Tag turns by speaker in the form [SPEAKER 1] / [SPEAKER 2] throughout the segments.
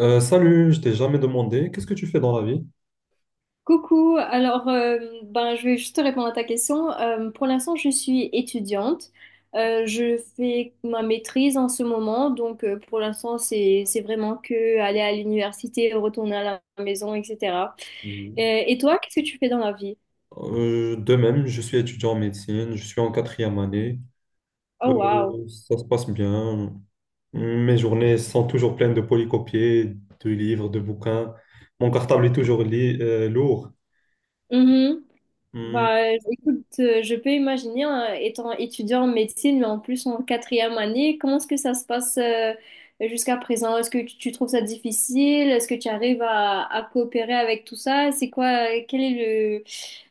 [SPEAKER 1] Salut, je t'ai jamais demandé, qu'est-ce que tu fais dans la vie?
[SPEAKER 2] Coucou, alors ben, je vais juste te répondre à ta question. Pour l'instant, je suis étudiante. Je fais ma maîtrise en ce moment, donc pour l'instant, c'est vraiment que aller à l'université, retourner à la maison, etc. Euh,
[SPEAKER 1] Mhm.
[SPEAKER 2] Et, et toi, qu'est-ce que tu fais dans la vie?
[SPEAKER 1] De même, je suis étudiant en médecine, je suis en quatrième année.
[SPEAKER 2] Oh, wow.
[SPEAKER 1] Ça se passe bien. Mes journées sont toujours pleines de polycopiés, de livres, de bouquins. Mon cartable est toujours lourd. Hum,
[SPEAKER 2] Bah, écoute, je peux imaginer, hein, étant étudiant en médecine, mais en plus en quatrième année, comment est-ce que ça se passe, jusqu'à présent? Est-ce que tu trouves ça difficile? Est-ce que tu arrives à coopérer avec tout ça? C'est quoi, quel est le,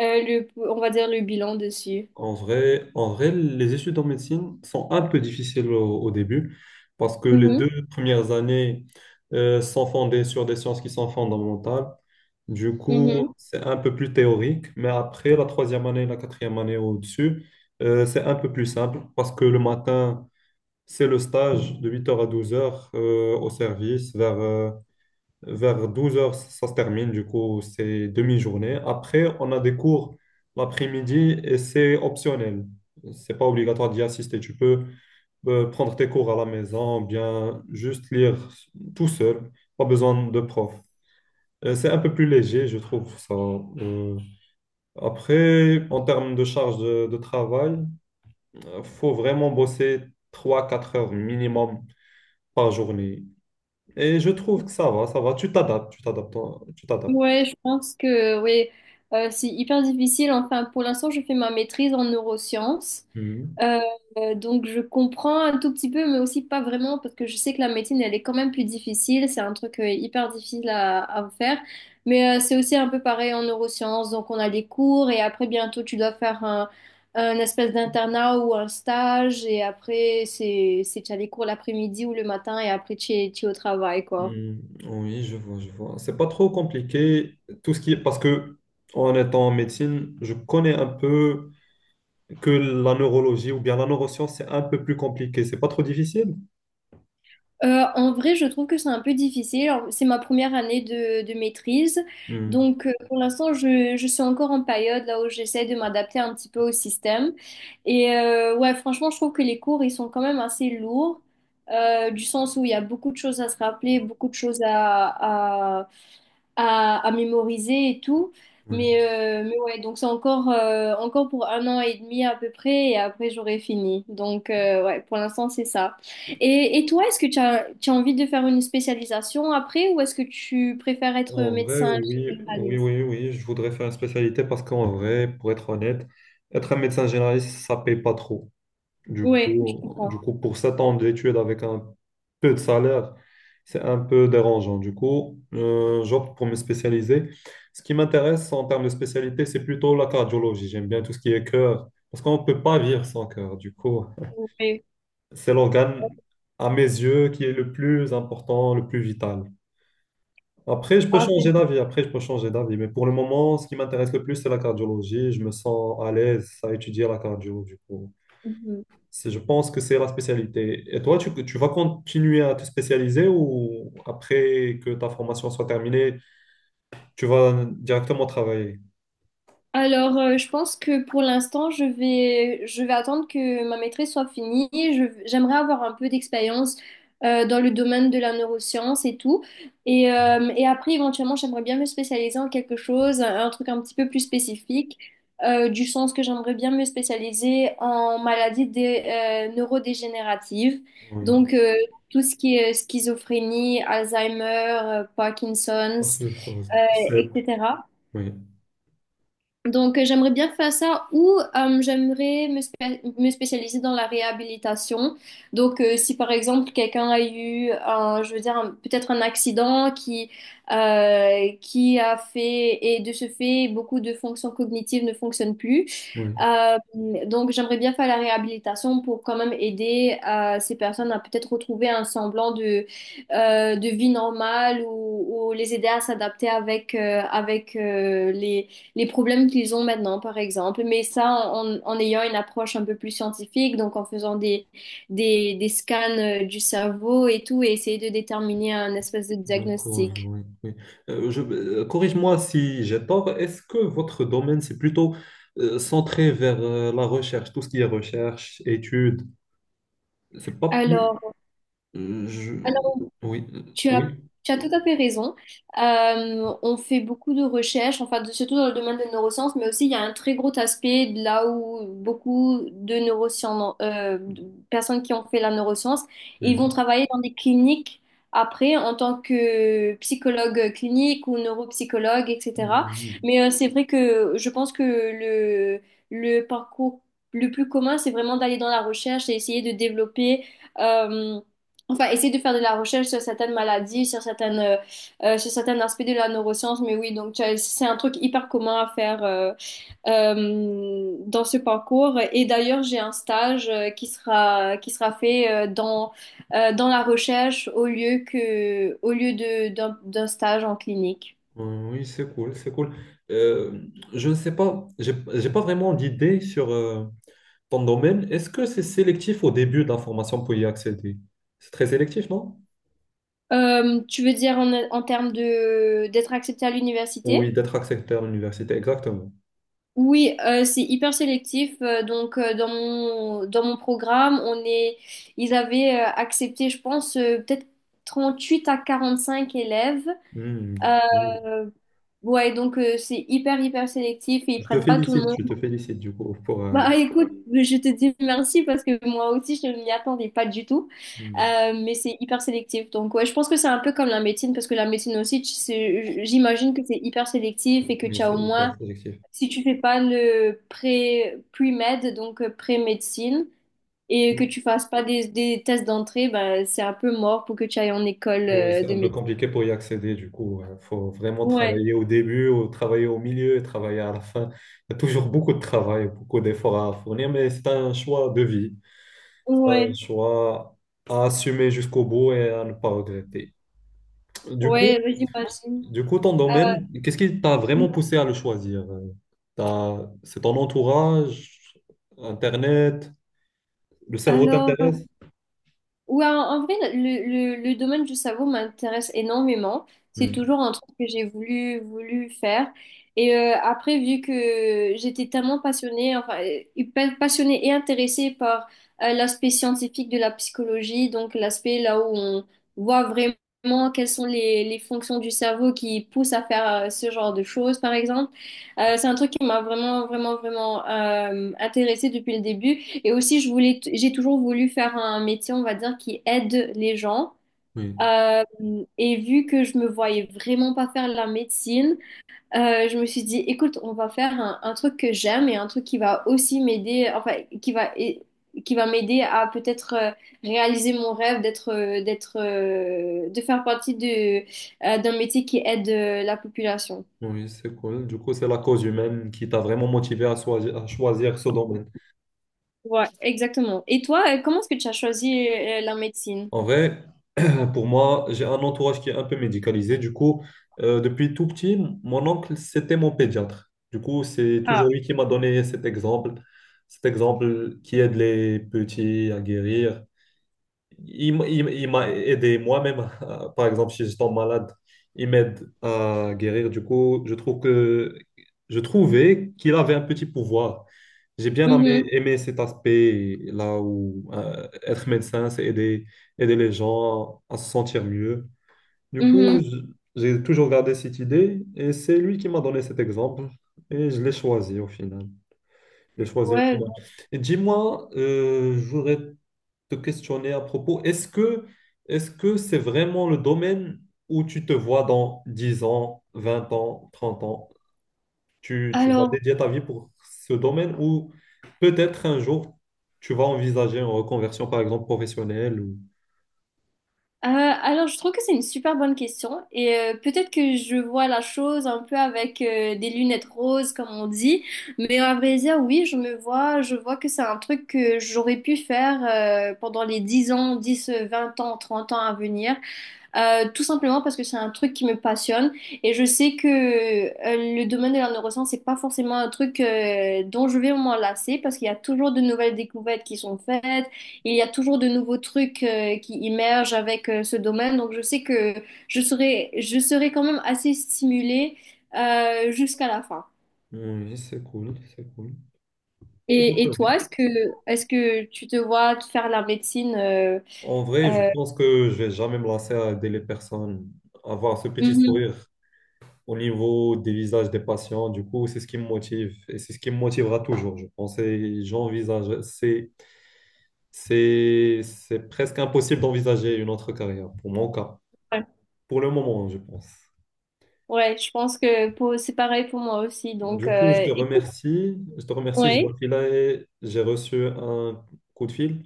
[SPEAKER 2] euh, le, on va dire, le bilan dessus?
[SPEAKER 1] En vrai, les études en médecine sont un peu difficiles au début parce que les
[SPEAKER 2] Mhm.
[SPEAKER 1] deux premières années sont fondées sur des sciences qui sont fondamentales. Du coup,
[SPEAKER 2] Mhm.
[SPEAKER 1] c'est un peu plus théorique, mais après la troisième année, la quatrième année au-dessus, c'est un peu plus simple parce que le matin, c'est le stage de 8 heures à 12h au service. Vers 12 heures ça se termine. Du coup, c'est demi-journée. Après, on a des cours l'après-midi et c'est optionnel. C'est pas obligatoire d'y assister. Tu peux prendre tes cours à la maison, bien juste lire tout seul. Pas besoin de prof. C'est un peu plus léger, je trouve ça. Après, en termes de de travail, faut vraiment bosser trois quatre heures minimum par journée. Et je trouve que ça va, ça va. Tu t'adaptes, toi, tu t'adaptes.
[SPEAKER 2] Ouais, je pense que oui. C'est hyper difficile. Enfin, pour l'instant, je fais ma maîtrise en neurosciences.
[SPEAKER 1] Mhm.
[SPEAKER 2] Euh, donc je comprends un tout petit peu, mais aussi pas vraiment, parce que je sais que la médecine, elle est quand même plus difficile. C'est un truc hyper difficile à faire. Mais c'est aussi un peu pareil en neurosciences. Donc on a des cours et après bientôt tu dois faire un espèce d'internat ou un stage. Et après, tu as des cours l'après-midi ou le matin et après tu es au travail, quoi.
[SPEAKER 1] Mhm. Oui, je vois, je vois. C'est pas trop compliqué, tout ce qui est parce que en étant en médecine, je connais un peu que la neurologie ou bien la neuroscience, c'est un peu plus compliqué. C'est pas trop difficile.
[SPEAKER 2] En vrai, je trouve que c'est un peu difficile. Alors, c'est ma première année de maîtrise.
[SPEAKER 1] Mhm.
[SPEAKER 2] Donc, pour l'instant, je suis encore en période là où j'essaie de m'adapter un petit peu au système. Et ouais, franchement, je trouve que les cours, ils sont quand même assez lourds, du sens où il y a beaucoup de choses à se rappeler, beaucoup de choses à mémoriser et tout.
[SPEAKER 1] Oui.
[SPEAKER 2] Mais ouais, donc c'est encore, encore pour un an et demi à peu près, et après j'aurai fini. Donc ouais, pour l'instant c'est ça. Et toi, est-ce que tu as envie de faire une spécialisation après, ou est-ce que tu préfères être
[SPEAKER 1] En vrai,
[SPEAKER 2] médecin
[SPEAKER 1] oui, oui,
[SPEAKER 2] généraliste?
[SPEAKER 1] oui, oui, je voudrais faire une spécialité parce qu'en vrai, pour être honnête, être un médecin généraliste, ça paye pas trop. Du
[SPEAKER 2] Ouais, je
[SPEAKER 1] coup, du
[SPEAKER 2] comprends.
[SPEAKER 1] coup, pour 7 ans d'études avec un peu de salaire, c'est un peu dérangeant. Du coup, j'opte pour me spécialiser. Ce qui m'intéresse en termes de spécialité, c'est plutôt la cardiologie. J'aime bien tout ce qui est cœur, parce qu'on ne peut pas vivre sans cœur. Du coup,
[SPEAKER 2] Ouais.
[SPEAKER 1] c'est l'organe, à mes yeux, qui est le plus important, le plus vital. Après, je peux
[SPEAKER 2] Ah.
[SPEAKER 1] changer d'avis. Après, je peux changer d'avis. Mais pour le moment, ce qui m'intéresse le plus, c'est la cardiologie. Je me sens à l'aise à étudier la cardio, du coup.
[SPEAKER 2] Mhm.
[SPEAKER 1] Je pense que c'est la spécialité. Et toi, tu vas continuer à te spécialiser ou après que ta formation soit terminée, tu vas directement travailler?
[SPEAKER 2] Alors, je pense que pour l'instant, je vais attendre que ma maîtrise soit finie. J'aimerais avoir un peu d'expérience dans le domaine de la neuroscience et tout. Et après, éventuellement, j'aimerais bien me spécialiser en quelque chose, un truc un petit peu plus spécifique, du sens que j'aimerais bien me spécialiser en maladies neurodégénératives.
[SPEAKER 1] Oui.
[SPEAKER 2] Donc, tout ce qui est schizophrénie, Alzheimer,
[SPEAKER 1] Ok,
[SPEAKER 2] Parkinson's,
[SPEAKER 1] force.
[SPEAKER 2] euh, etc.
[SPEAKER 1] Oui,
[SPEAKER 2] Donc, j'aimerais bien faire ça ou j'aimerais me spécialiser dans la réhabilitation. Donc, si par exemple quelqu'un a eu, un, je veux dire, peut-être un accident qui a fait, et de ce fait, beaucoup de fonctions cognitives ne fonctionnent plus.
[SPEAKER 1] oui.
[SPEAKER 2] Euh, donc, j'aimerais bien faire la réhabilitation pour quand même aider ces personnes à peut-être retrouver un semblant de vie normale ou les aider à s'adapter avec les problèmes qu'ils ont maintenant, par exemple, mais ça en ayant une approche un peu plus scientifique, donc en faisant des scans du cerveau et tout, et essayer de déterminer un espèce de
[SPEAKER 1] Donc, oui,
[SPEAKER 2] diagnostic.
[SPEAKER 1] oui, oui. Corrige-moi si j'ai tort. Est-ce que votre domaine, c'est plutôt centré vers la recherche, tout ce qui est recherche, études? C'est pas plus...
[SPEAKER 2] Alors,
[SPEAKER 1] euh, je- Oui,
[SPEAKER 2] Tu as,
[SPEAKER 1] oui.
[SPEAKER 2] tu as tout à fait raison. On fait beaucoup de recherches, enfin, surtout dans le domaine des neurosciences, mais aussi il y a un très gros aspect de là où beaucoup de neurosciences, de personnes qui ont fait la neuroscience, ils vont
[SPEAKER 1] Mhm.
[SPEAKER 2] travailler dans des cliniques après en tant que psychologue clinique ou neuropsychologue, etc.
[SPEAKER 1] Mhm.
[SPEAKER 2] Mais c'est vrai que je pense que le parcours le plus commun, c'est vraiment d'aller dans la recherche et essayer de développer. euh, Enfin, essayer de faire de la recherche sur certaines maladies, sur certains aspects de la neuroscience. Mais oui, donc c'est un truc hyper commun à faire dans ce parcours. Et d'ailleurs, j'ai un stage qui sera fait dans la recherche au lieu de, d'un stage en clinique.
[SPEAKER 1] Oui, c'est cool, c'est cool. Euh, je ne sais pas, j'ai pas vraiment d'idée sur ton domaine. Est-ce que c'est sélectif au début de la formation pour y accéder? C'est très sélectif, non?
[SPEAKER 2] Tu veux dire en termes de, d'être accepté à l'université?
[SPEAKER 1] Oui, d'être accepté à l'université, exactement.
[SPEAKER 2] Oui, c'est hyper sélectif. Donc, dans mon programme, ils avaient accepté, je pense, peut-être 38 à 45 élèves.
[SPEAKER 1] Mhm. Oui.
[SPEAKER 2] Euh, ouais, donc c'est hyper, hyper sélectif et ils prennent pas tout le monde.
[SPEAKER 1] Je te félicite du coup pour.
[SPEAKER 2] Bah écoute, je te dis merci parce que moi aussi, je ne m'y attendais pas du tout.
[SPEAKER 1] Mhm.
[SPEAKER 2] Mais c'est hyper sélectif. Donc, ouais, je pense que c'est un peu comme la médecine parce que la médecine aussi, tu sais, j'imagine que c'est hyper sélectif et que
[SPEAKER 1] Oui,
[SPEAKER 2] tu as
[SPEAKER 1] c'est
[SPEAKER 2] au
[SPEAKER 1] hyper
[SPEAKER 2] moins
[SPEAKER 1] sélectif.
[SPEAKER 2] si tu fais pas le pré, pre-med, donc pré-médecine, et que tu fasses pas des tests d'entrée, bah, c'est un peu mort pour que tu ailles en école
[SPEAKER 1] Oui, c'est
[SPEAKER 2] de
[SPEAKER 1] un peu
[SPEAKER 2] médecine.
[SPEAKER 1] compliqué pour y accéder, du coup. Il faut vraiment
[SPEAKER 2] Ouais,
[SPEAKER 1] travailler au début, ou travailler au milieu, et travailler à la fin. Il y a toujours beaucoup de travail, beaucoup d'efforts à fournir, mais c'est un choix de vie. C'est un
[SPEAKER 2] ouais,
[SPEAKER 1] choix à assumer jusqu'au bout et à ne pas regretter. Du coup,
[SPEAKER 2] ouais, j'imagine.
[SPEAKER 1] du coup, ton
[SPEAKER 2] Euh,
[SPEAKER 1] domaine, qu'est-ce qui t'a vraiment poussé à le choisir? C'est ton entourage, Internet, le cerveau
[SPEAKER 2] alors,
[SPEAKER 1] t'intéresse?
[SPEAKER 2] ouais, en vrai, le domaine du cerveau m'intéresse énormément. C'est
[SPEAKER 1] Hmm,
[SPEAKER 2] toujours un truc que j'ai voulu faire. Et après, vu que j'étais tellement passionnée, enfin, passionnée et intéressée par l'aspect scientifique de la psychologie, donc l'aspect là où on voit vraiment quelles sont les fonctions du cerveau qui poussent à faire ce genre de choses, par exemple. C'est un truc qui m'a vraiment, vraiment, vraiment intéressée depuis le début. Et aussi, je voulais, j'ai toujours voulu faire un métier, on va dire, qui aide les gens.
[SPEAKER 1] Oui,
[SPEAKER 2] Euh, et vu que je me voyais vraiment pas faire la médecine, je me suis dit, écoute, on va faire un truc que j'aime et un truc qui va aussi m'aider, enfin, qui va, et- qui va m'aider à peut-être réaliser mon rêve d'être, de faire partie d'un métier qui aide la population.
[SPEAKER 1] oui, c'est cool. Du coup, c'est la cause humaine qui t'a vraiment motivé à choisir ce domaine.
[SPEAKER 2] Ouais, exactement. Et toi, comment est-ce que tu as choisi la médecine?
[SPEAKER 1] En vrai, pour moi, j'ai un entourage qui est un peu médicalisé. Du coup, depuis tout petit, mon oncle, c'était mon pédiatre. Du coup, c'est toujours
[SPEAKER 2] Ah.
[SPEAKER 1] lui qui m'a donné cet exemple qui aide les petits à guérir. Il m'a aidé moi-même. Par exemple, si je tombe malade, il m'aide à guérir. Du coup, je trouve que je trouvais qu'il avait un petit pouvoir. J'ai bien aimé,
[SPEAKER 2] Mhm.
[SPEAKER 1] aimé cet aspect là où être médecin, c'est aider, aider les gens à se sentir mieux. Du coup,
[SPEAKER 2] Mhm.
[SPEAKER 1] je- j'ai toujours gardé cette idée et c'est lui qui m'a donné cet exemple et je l'ai choisi au final. Je l'ai choisi au
[SPEAKER 2] Ouais.
[SPEAKER 1] final. Et dis-moi, je voudrais te questionner à propos, est-ce que c'est vraiment le domaine où tu te vois dans 10 ans, 20 ans, 30 ans? Tu vas
[SPEAKER 2] Alors,
[SPEAKER 1] dédier ta vie pour ce domaine ou peut-être un jour, tu vas envisager une reconversion, par exemple, professionnelle. Ou...
[SPEAKER 2] alors, je trouve que c'est une super bonne question et peut-être que je vois la chose un peu avec des lunettes roses comme on dit, mais à vrai dire, oui, je vois que c'est un truc que j'aurais pu faire pendant les 10 ans, 10, 20 ans, 30 ans à venir. Tout simplement parce que c'est un truc qui me passionne et je sais que le domaine de la neuroscience, c'est pas forcément un truc dont je vais m'enlacer parce qu'il y a toujours de nouvelles découvertes qui sont faites, il y a toujours de nouveaux trucs qui émergent avec ce domaine. Donc je sais que je serai quand même assez stimulée jusqu'à la fin.
[SPEAKER 1] Oui, c'est cool, c'est cool. C'est cool,
[SPEAKER 2] Et,
[SPEAKER 1] c'est
[SPEAKER 2] et
[SPEAKER 1] vrai.
[SPEAKER 2] toi, est-ce que tu te vois faire la médecine
[SPEAKER 1] En vrai, je
[SPEAKER 2] euh,
[SPEAKER 1] pense que je vais jamais me lasser à aider les personnes, à avoir ce petit
[SPEAKER 2] mhm.
[SPEAKER 1] sourire au niveau des visages des patients. Du coup, c'est ce qui me motive et c'est ce qui me motivera toujours, je pense. Et j'envisage, c'est presque impossible d'envisager une autre carrière, pour mon cas,
[SPEAKER 2] Ouais.
[SPEAKER 1] pour le moment, je pense.
[SPEAKER 2] Ouais, je pense que c'est pareil pour moi aussi. Donc,
[SPEAKER 1] Du coup, je te remercie. Je te remercie. Je
[SPEAKER 2] Oui.
[SPEAKER 1] dois filer. J'ai reçu un coup de fil.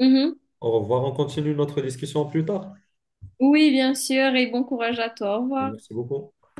[SPEAKER 2] Mhm.
[SPEAKER 1] Au revoir. On continue notre discussion plus tard.
[SPEAKER 2] Oui, bien sûr, et bon courage à toi. Au revoir.
[SPEAKER 1] Merci beaucoup.